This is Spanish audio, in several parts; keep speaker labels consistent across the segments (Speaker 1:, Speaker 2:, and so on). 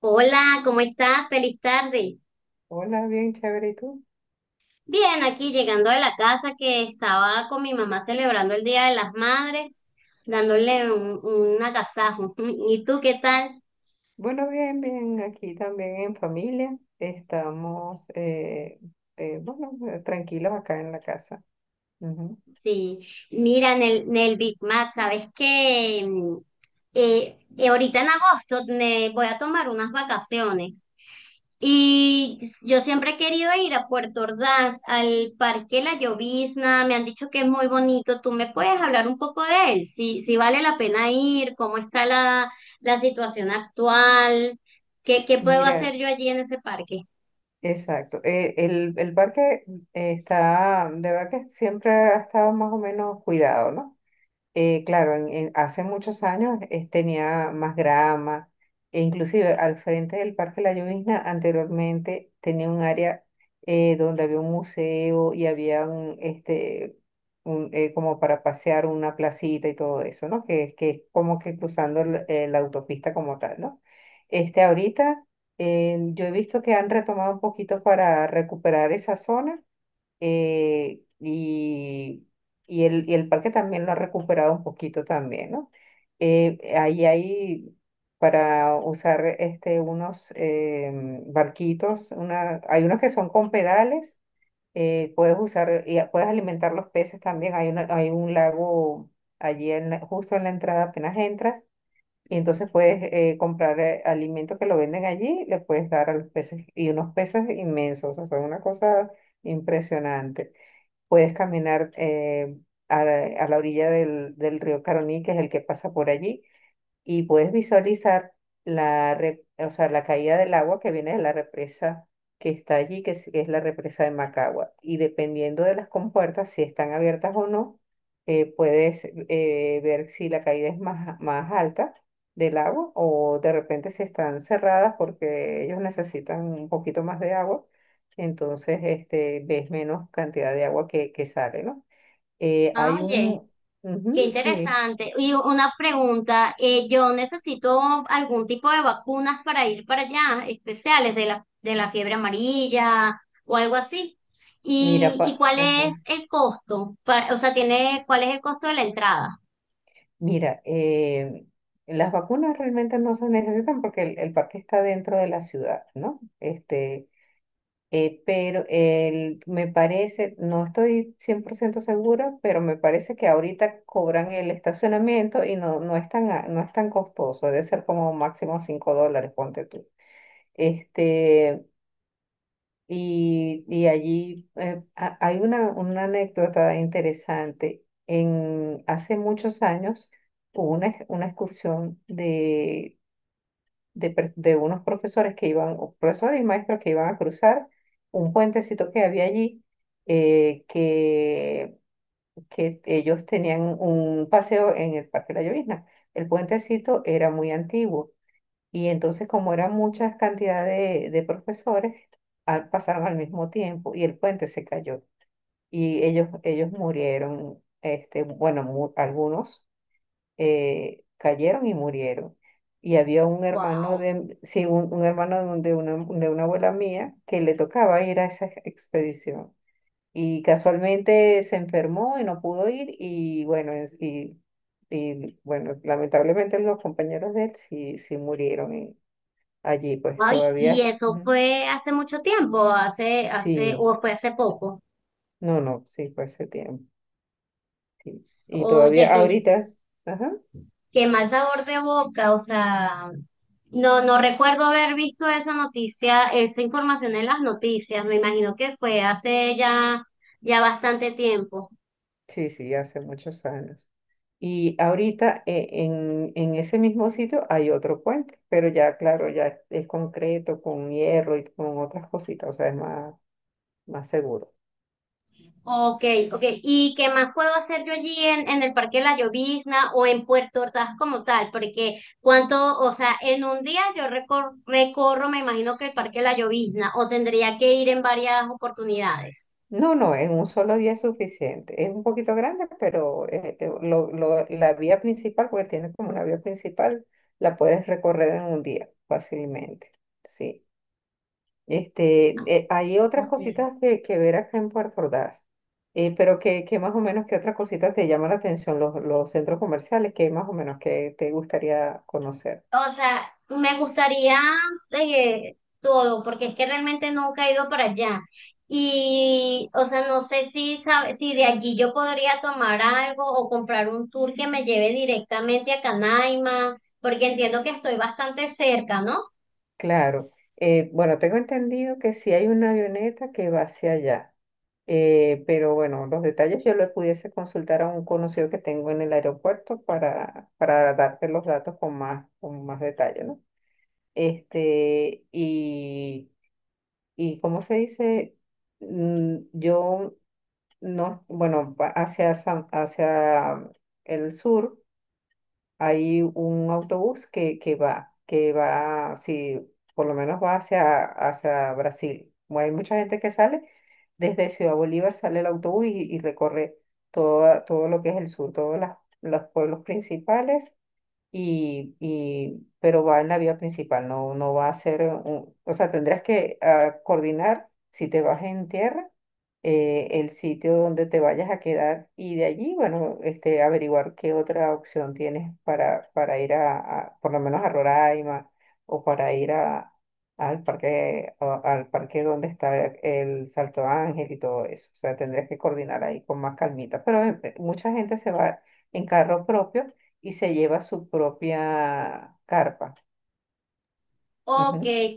Speaker 1: Hola, ¿cómo estás? Feliz tarde.
Speaker 2: Hola, bien chévere, ¿y tú?
Speaker 1: Bien, aquí llegando de la casa que estaba con mi mamá celebrando el Día de las Madres, dándole un agasajo. ¿Y tú qué tal?
Speaker 2: Bueno, bien, bien, aquí también en familia. Estamos, bueno, tranquilos acá en la casa. Ujú.
Speaker 1: Sí, mira, en el Big Mac, ¿sabes qué? Ahorita en agosto me voy a tomar unas vacaciones. Y yo siempre he querido ir a Puerto Ordaz, al Parque La Llovizna, me han dicho que es muy bonito. ¿Tú me puedes hablar un poco de él? Si, si vale la pena ir, cómo está la situación actual, qué puedo
Speaker 2: Mira,
Speaker 1: hacer yo allí en ese parque.
Speaker 2: exacto. El parque está, de verdad que siempre ha estado más o menos cuidado, ¿no? Claro, hace muchos años tenía más grama, e inclusive al frente del Parque La Llovizna anteriormente tenía un área donde había un museo y había como para pasear una placita y todo eso, ¿no? Que es como que cruzando la autopista como tal, ¿no? Este, ahorita yo he visto que han retomado un poquito para recuperar esa zona eh, y, y el parque también lo ha recuperado un poquito también, ¿no? Ahí hay para usar este, unos barquitos, hay unos que son con pedales, puedes usar, puedes alimentar los peces también, hay un lago allí en justo en la entrada apenas entras. Y entonces puedes comprar alimento que lo venden allí, le puedes dar a los peces, y unos peces inmensos, o sea, son una cosa impresionante. Puedes caminar a la orilla del río Caroní, que es el que pasa por allí, y puedes visualizar o sea, la caída del agua que viene de la represa que está allí, que es la represa de Macagua. Y dependiendo de las compuertas, si están abiertas o no, puedes ver si la caída es más alta del agua o de repente si están cerradas porque ellos necesitan un poquito más de agua. Entonces, este, ves menos cantidad de agua que sale, ¿no? Eh,
Speaker 1: Ah,
Speaker 2: hay
Speaker 1: oye.
Speaker 2: un...
Speaker 1: Qué
Speaker 2: ujú, sí,
Speaker 1: interesante. Y una pregunta, yo necesito algún tipo de vacunas para ir para allá, especiales de la fiebre amarilla o algo así.
Speaker 2: mira,
Speaker 1: Y cuál
Speaker 2: ajá.
Speaker 1: es el costo? Pa- o sea, tiene, ¿cuál es el costo de la entrada?
Speaker 2: Mira, las vacunas realmente no se necesitan porque el parque está dentro de la ciudad, ¿no? Este, me parece, no estoy 100% segura, pero me parece que ahorita cobran el estacionamiento y no es no es tan costoso, debe ser como máximo $5, ponte tú. Este, allí hay una anécdota interesante. Hace muchos años hubo una excursión de unos profesores que iban, o profesores y maestros que iban a cruzar un puentecito que había allí, eh, que, que ellos tenían un paseo en el Parque La Llovizna. El puentecito era muy antiguo y entonces, como eran muchas cantidades de profesores, pasaron al mismo tiempo y el puente se cayó. Y ellos murieron, este, bueno, algunos cayeron y murieron. Y había un hermano
Speaker 1: Wow.
Speaker 2: de, sí, un hermano de, de una abuela mía que le tocaba ir a esa expedición. Y casualmente se enfermó y no pudo ir. Y bueno, bueno, lamentablemente los compañeros de él sí murieron allí, pues
Speaker 1: Ay, ¿y
Speaker 2: todavía,
Speaker 1: eso
Speaker 2: Ujú.
Speaker 1: fue hace mucho tiempo, hace, hace,
Speaker 2: Sí,
Speaker 1: o fue hace poco?
Speaker 2: no, no, sí, fue hace tiempo, sí. Y
Speaker 1: Oye,
Speaker 2: todavía ahorita, ajá,
Speaker 1: qué mal sabor de boca. O sea, no, no recuerdo haber visto esa noticia, esa información en las noticias. Me imagino que fue hace ya, ya bastante tiempo.
Speaker 2: sí, sí, hace muchos años. Y ahorita en ese mismo sitio hay otro puente, pero ya, claro, ya es concreto, con hierro y con otras cositas, o sea, es más, más seguro.
Speaker 1: Ok, ok. ¿Y qué más puedo hacer yo allí en el Parque La Llovizna o en Puerto Ordaz como tal? Porque cuánto, o sea, en un día yo recor- recorro, me imagino que el Parque La Llovizna, o tendría que ir en varias oportunidades.
Speaker 2: No, no, en un solo día es suficiente. Es un poquito grande, pero la vía principal, porque tiene como una vía principal, la puedes recorrer en un día fácilmente. Sí. Este, hay otras
Speaker 1: Ok.
Speaker 2: cositas que ver acá en Puerto Ordaz. Pero que más o menos, ¿qué otras cositas te llaman la atención los centros comerciales? ¿Qué más o menos que te gustaría conocer?
Speaker 1: O sea, me gustaría todo, porque es que realmente nunca he ido para allá. Y, o sea, no sé si sabe- si de allí yo podría tomar algo o comprar un tour que me lleve directamente a Canaima, porque entiendo que estoy bastante cerca, ¿no?
Speaker 2: Claro, bueno, tengo entendido que sí hay una avioneta que va hacia allá, pero bueno, los detalles yo los pudiese consultar a un conocido que tengo en el aeropuerto para darte los datos con más detalle, ¿no? Este, y cómo se dice, yo no, bueno, hacia el sur hay un autobús que va, si por lo menos va hacia, hacia Brasil. Hay mucha gente que sale desde Ciudad Bolívar, sale el autobús y recorre toda, todo lo que es el sur, todos los pueblos principales pero va en la vía principal, no va a ser, o sea, tendrás que ah, coordinar si te vas en tierra el sitio donde te vayas a quedar y de allí, bueno, este, averiguar qué otra opción tienes para ir a, por lo menos a Roraima o para ir a, al parque, al parque donde está el Salto Ángel y todo eso. O sea, tendrías que coordinar ahí con más calmita. Pero mucha gente se va en carro propio y se lleva su propia carpa.
Speaker 1: O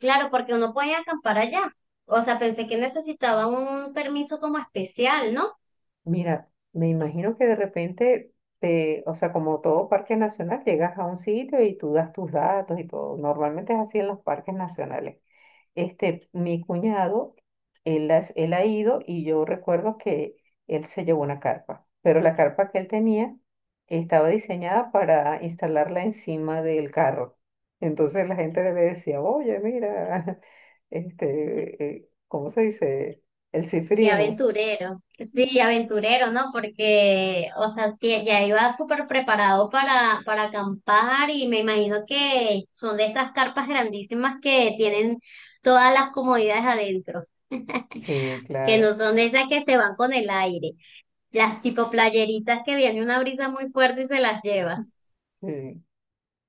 Speaker 1: claro, porque uno puede acampar allá. O sea, pensé que necesitaba un permiso como especial, ¿no?
Speaker 2: Mira, me imagino que de repente, te, o sea, como todo parque nacional, llegas a un sitio y tú das tus datos y todo. Normalmente es así en los parques nacionales. Este, mi cuñado, él ha ido y yo recuerdo que él se llevó una carpa, pero la carpa que él tenía estaba diseñada para instalarla encima del carro. Entonces la gente le decía, oye, mira, este, ¿cómo se dice? El
Speaker 1: Qué
Speaker 2: cifrino.
Speaker 1: aventurero. Sí, aventurero, ¿no? Porque, o sea, tie- ya iba súper preparado para acampar y me imagino que son de estas carpas grandísimas que tienen todas las comodidades adentro,
Speaker 2: Sí,
Speaker 1: que
Speaker 2: claro.
Speaker 1: no son de esas que se van con el aire, las tipo playeritas que viene una brisa muy fuerte y se las lleva.
Speaker 2: Sí.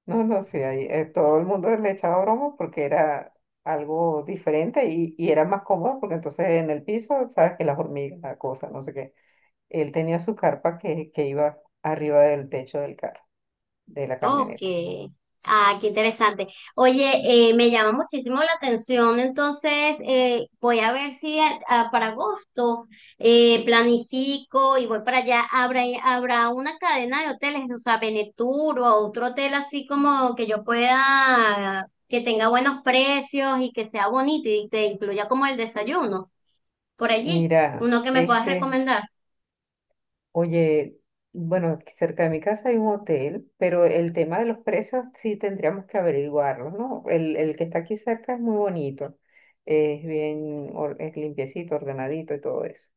Speaker 2: No, no, sí, ahí, todo el mundo le echaba broma porque era algo diferente y era más cómodo porque entonces en el piso, sabes que las hormigas, la cosa, no sé qué. Él tenía su carpa que iba arriba del techo del carro, de la
Speaker 1: Ok.
Speaker 2: camioneta.
Speaker 1: Ah, qué interesante. Oye, me llama muchísimo la atención, entonces voy a ver si a- a- para agosto planifico y voy para allá. ¿Habrá, habrá una cadena de hoteles, o sea, Benetur o otro hotel así como que yo pueda, que tenga buenos precios y que sea bonito y te incluya como el desayuno por allí?
Speaker 2: Mira,
Speaker 1: Uno que me puedas
Speaker 2: este,
Speaker 1: recomendar,
Speaker 2: Oye, bueno, aquí cerca de mi casa hay un hotel, pero el tema de los precios sí tendríamos que averiguarlo, ¿no? El que está aquí cerca es muy bonito, es bien, es limpiecito, ordenadito y todo eso.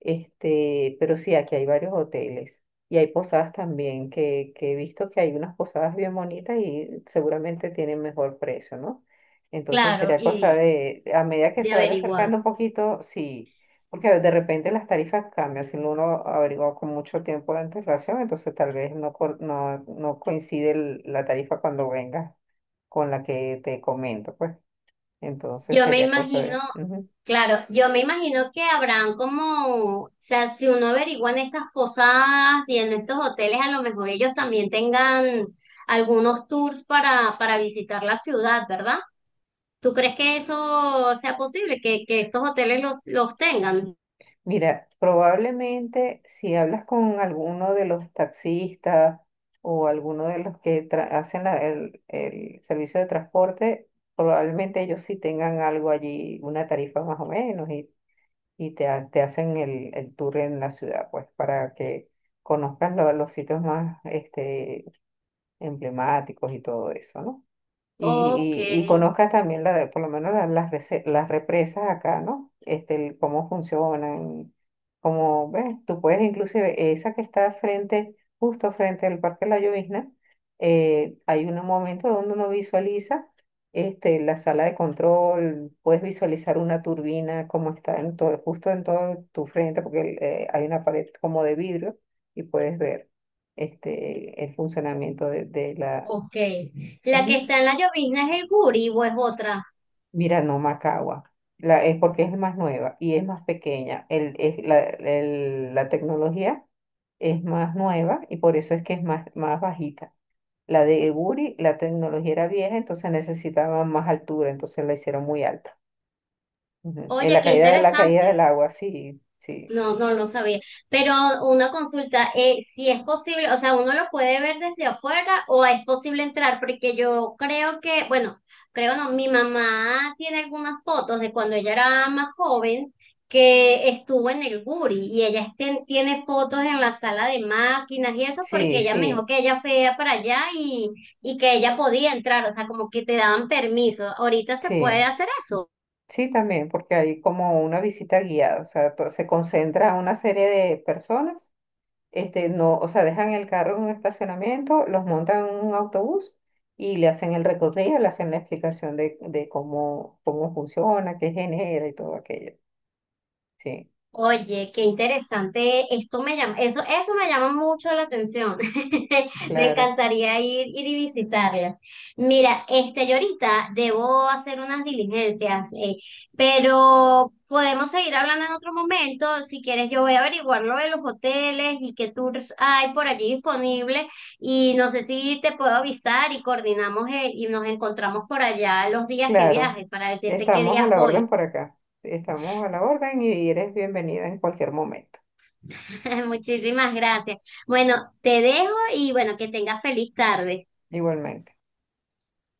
Speaker 2: Este, pero sí, aquí hay varios hoteles y hay posadas también, que he visto que hay unas posadas bien bonitas y seguramente tienen mejor precio, ¿no? Entonces
Speaker 1: claro,
Speaker 2: sería cosa
Speaker 1: y
Speaker 2: de, a medida que
Speaker 1: de
Speaker 2: se vaya
Speaker 1: averiguar.
Speaker 2: acercando un poquito, sí, porque de repente las tarifas cambian, si no uno averigua con mucho tiempo de antelación, entonces tal vez no coincide la tarifa cuando venga con la que te comento, pues. Entonces
Speaker 1: Yo me
Speaker 2: sería cosa
Speaker 1: imagino.
Speaker 2: de... ujú.
Speaker 1: Claro, yo me imagino que habrán como, o sea, si uno averigua en estas posadas y en estos hoteles, a lo mejor ellos también tengan algunos tours para visitar la ciudad, ¿verdad? ¿Tú crees que eso sea posible, que estos hoteles los tengan?
Speaker 2: Mira, probablemente si hablas con alguno de los taxistas o alguno de los que hacen el servicio de transporte, probablemente ellos sí tengan algo allí, una tarifa más o menos, y te hacen el tour en la ciudad, pues, para que conozcas los sitios más este, emblemáticos y todo eso, ¿no?
Speaker 1: Ok,
Speaker 2: Y conozcas también por lo menos las represas acá, ¿no? Este, el cómo funcionan, cómo, ves, tú puedes inclusive, esa que está frente, justo frente al Parque La Llovizna, hay un momento donde uno visualiza este, la sala de control, puedes visualizar una turbina como está en todo, justo en todo tu frente, porque hay una pared como de vidrio y puedes ver este, el funcionamiento de la...
Speaker 1: ok. ¿La que
Speaker 2: Ujú.
Speaker 1: está en la llovizna es el Guri o es otra?
Speaker 2: Mira, no, Macagua. La, es porque es más nueva y es más pequeña. El, es la, el- La tecnología es más nueva y por eso es que es más, más bajita. La de Guri, la tecnología era vieja, entonces necesitaba más altura, entonces la hicieron muy alta. Ujú. En
Speaker 1: Oye,
Speaker 2: la
Speaker 1: qué
Speaker 2: caída de la caída del
Speaker 1: interesante.
Speaker 2: agua,
Speaker 1: No, no lo sabía. Pero una consulta, si es posible, o sea, uno lo puede ver desde afuera o es posible entrar, porque yo creo que, bueno, creo no, mi mamá tiene algunas fotos de cuando ella era más joven que estuvo en el Guri y ella este- tiene fotos en la sala de máquinas y eso porque
Speaker 2: sí,
Speaker 1: ella me dijo
Speaker 2: sí,
Speaker 1: que ella fue para allá y que ella podía entrar, o sea, como que te daban permiso. ¿Ahorita se puede
Speaker 2: sí.
Speaker 1: hacer?
Speaker 2: Sí, también, porque hay como una visita guiada, o sea, se concentra una serie de personas este, no, o sea, dejan el carro en un estacionamiento, los montan en un autobús y le hacen el recorrido, le hacen la explicación de cómo, cómo funciona, qué genera y todo aquello. Sí,
Speaker 1: Oye, qué interesante. Esto me llama, eso me llama mucho la atención. Me
Speaker 2: claro,
Speaker 1: encantaría ir, ir y visitarlas. Mira, este, yo ahorita debo hacer unas diligencias, pero podemos seguir hablando en otro momento. Si quieres, yo voy a averiguar lo de los hoteles y qué tours hay por allí disponibles. Y no sé si te puedo avisar y coordinamos, y nos encontramos por allá los días que
Speaker 2: claro.
Speaker 1: viajes para decirte qué
Speaker 2: Estamos a
Speaker 1: días
Speaker 2: la
Speaker 1: voy.
Speaker 2: orden por acá. Estamos a la orden y eres bienvenida en cualquier momento.
Speaker 1: Muchísimas gracias. Bueno, te dejo y bueno, que tengas feliz tarde.
Speaker 2: Igualmente.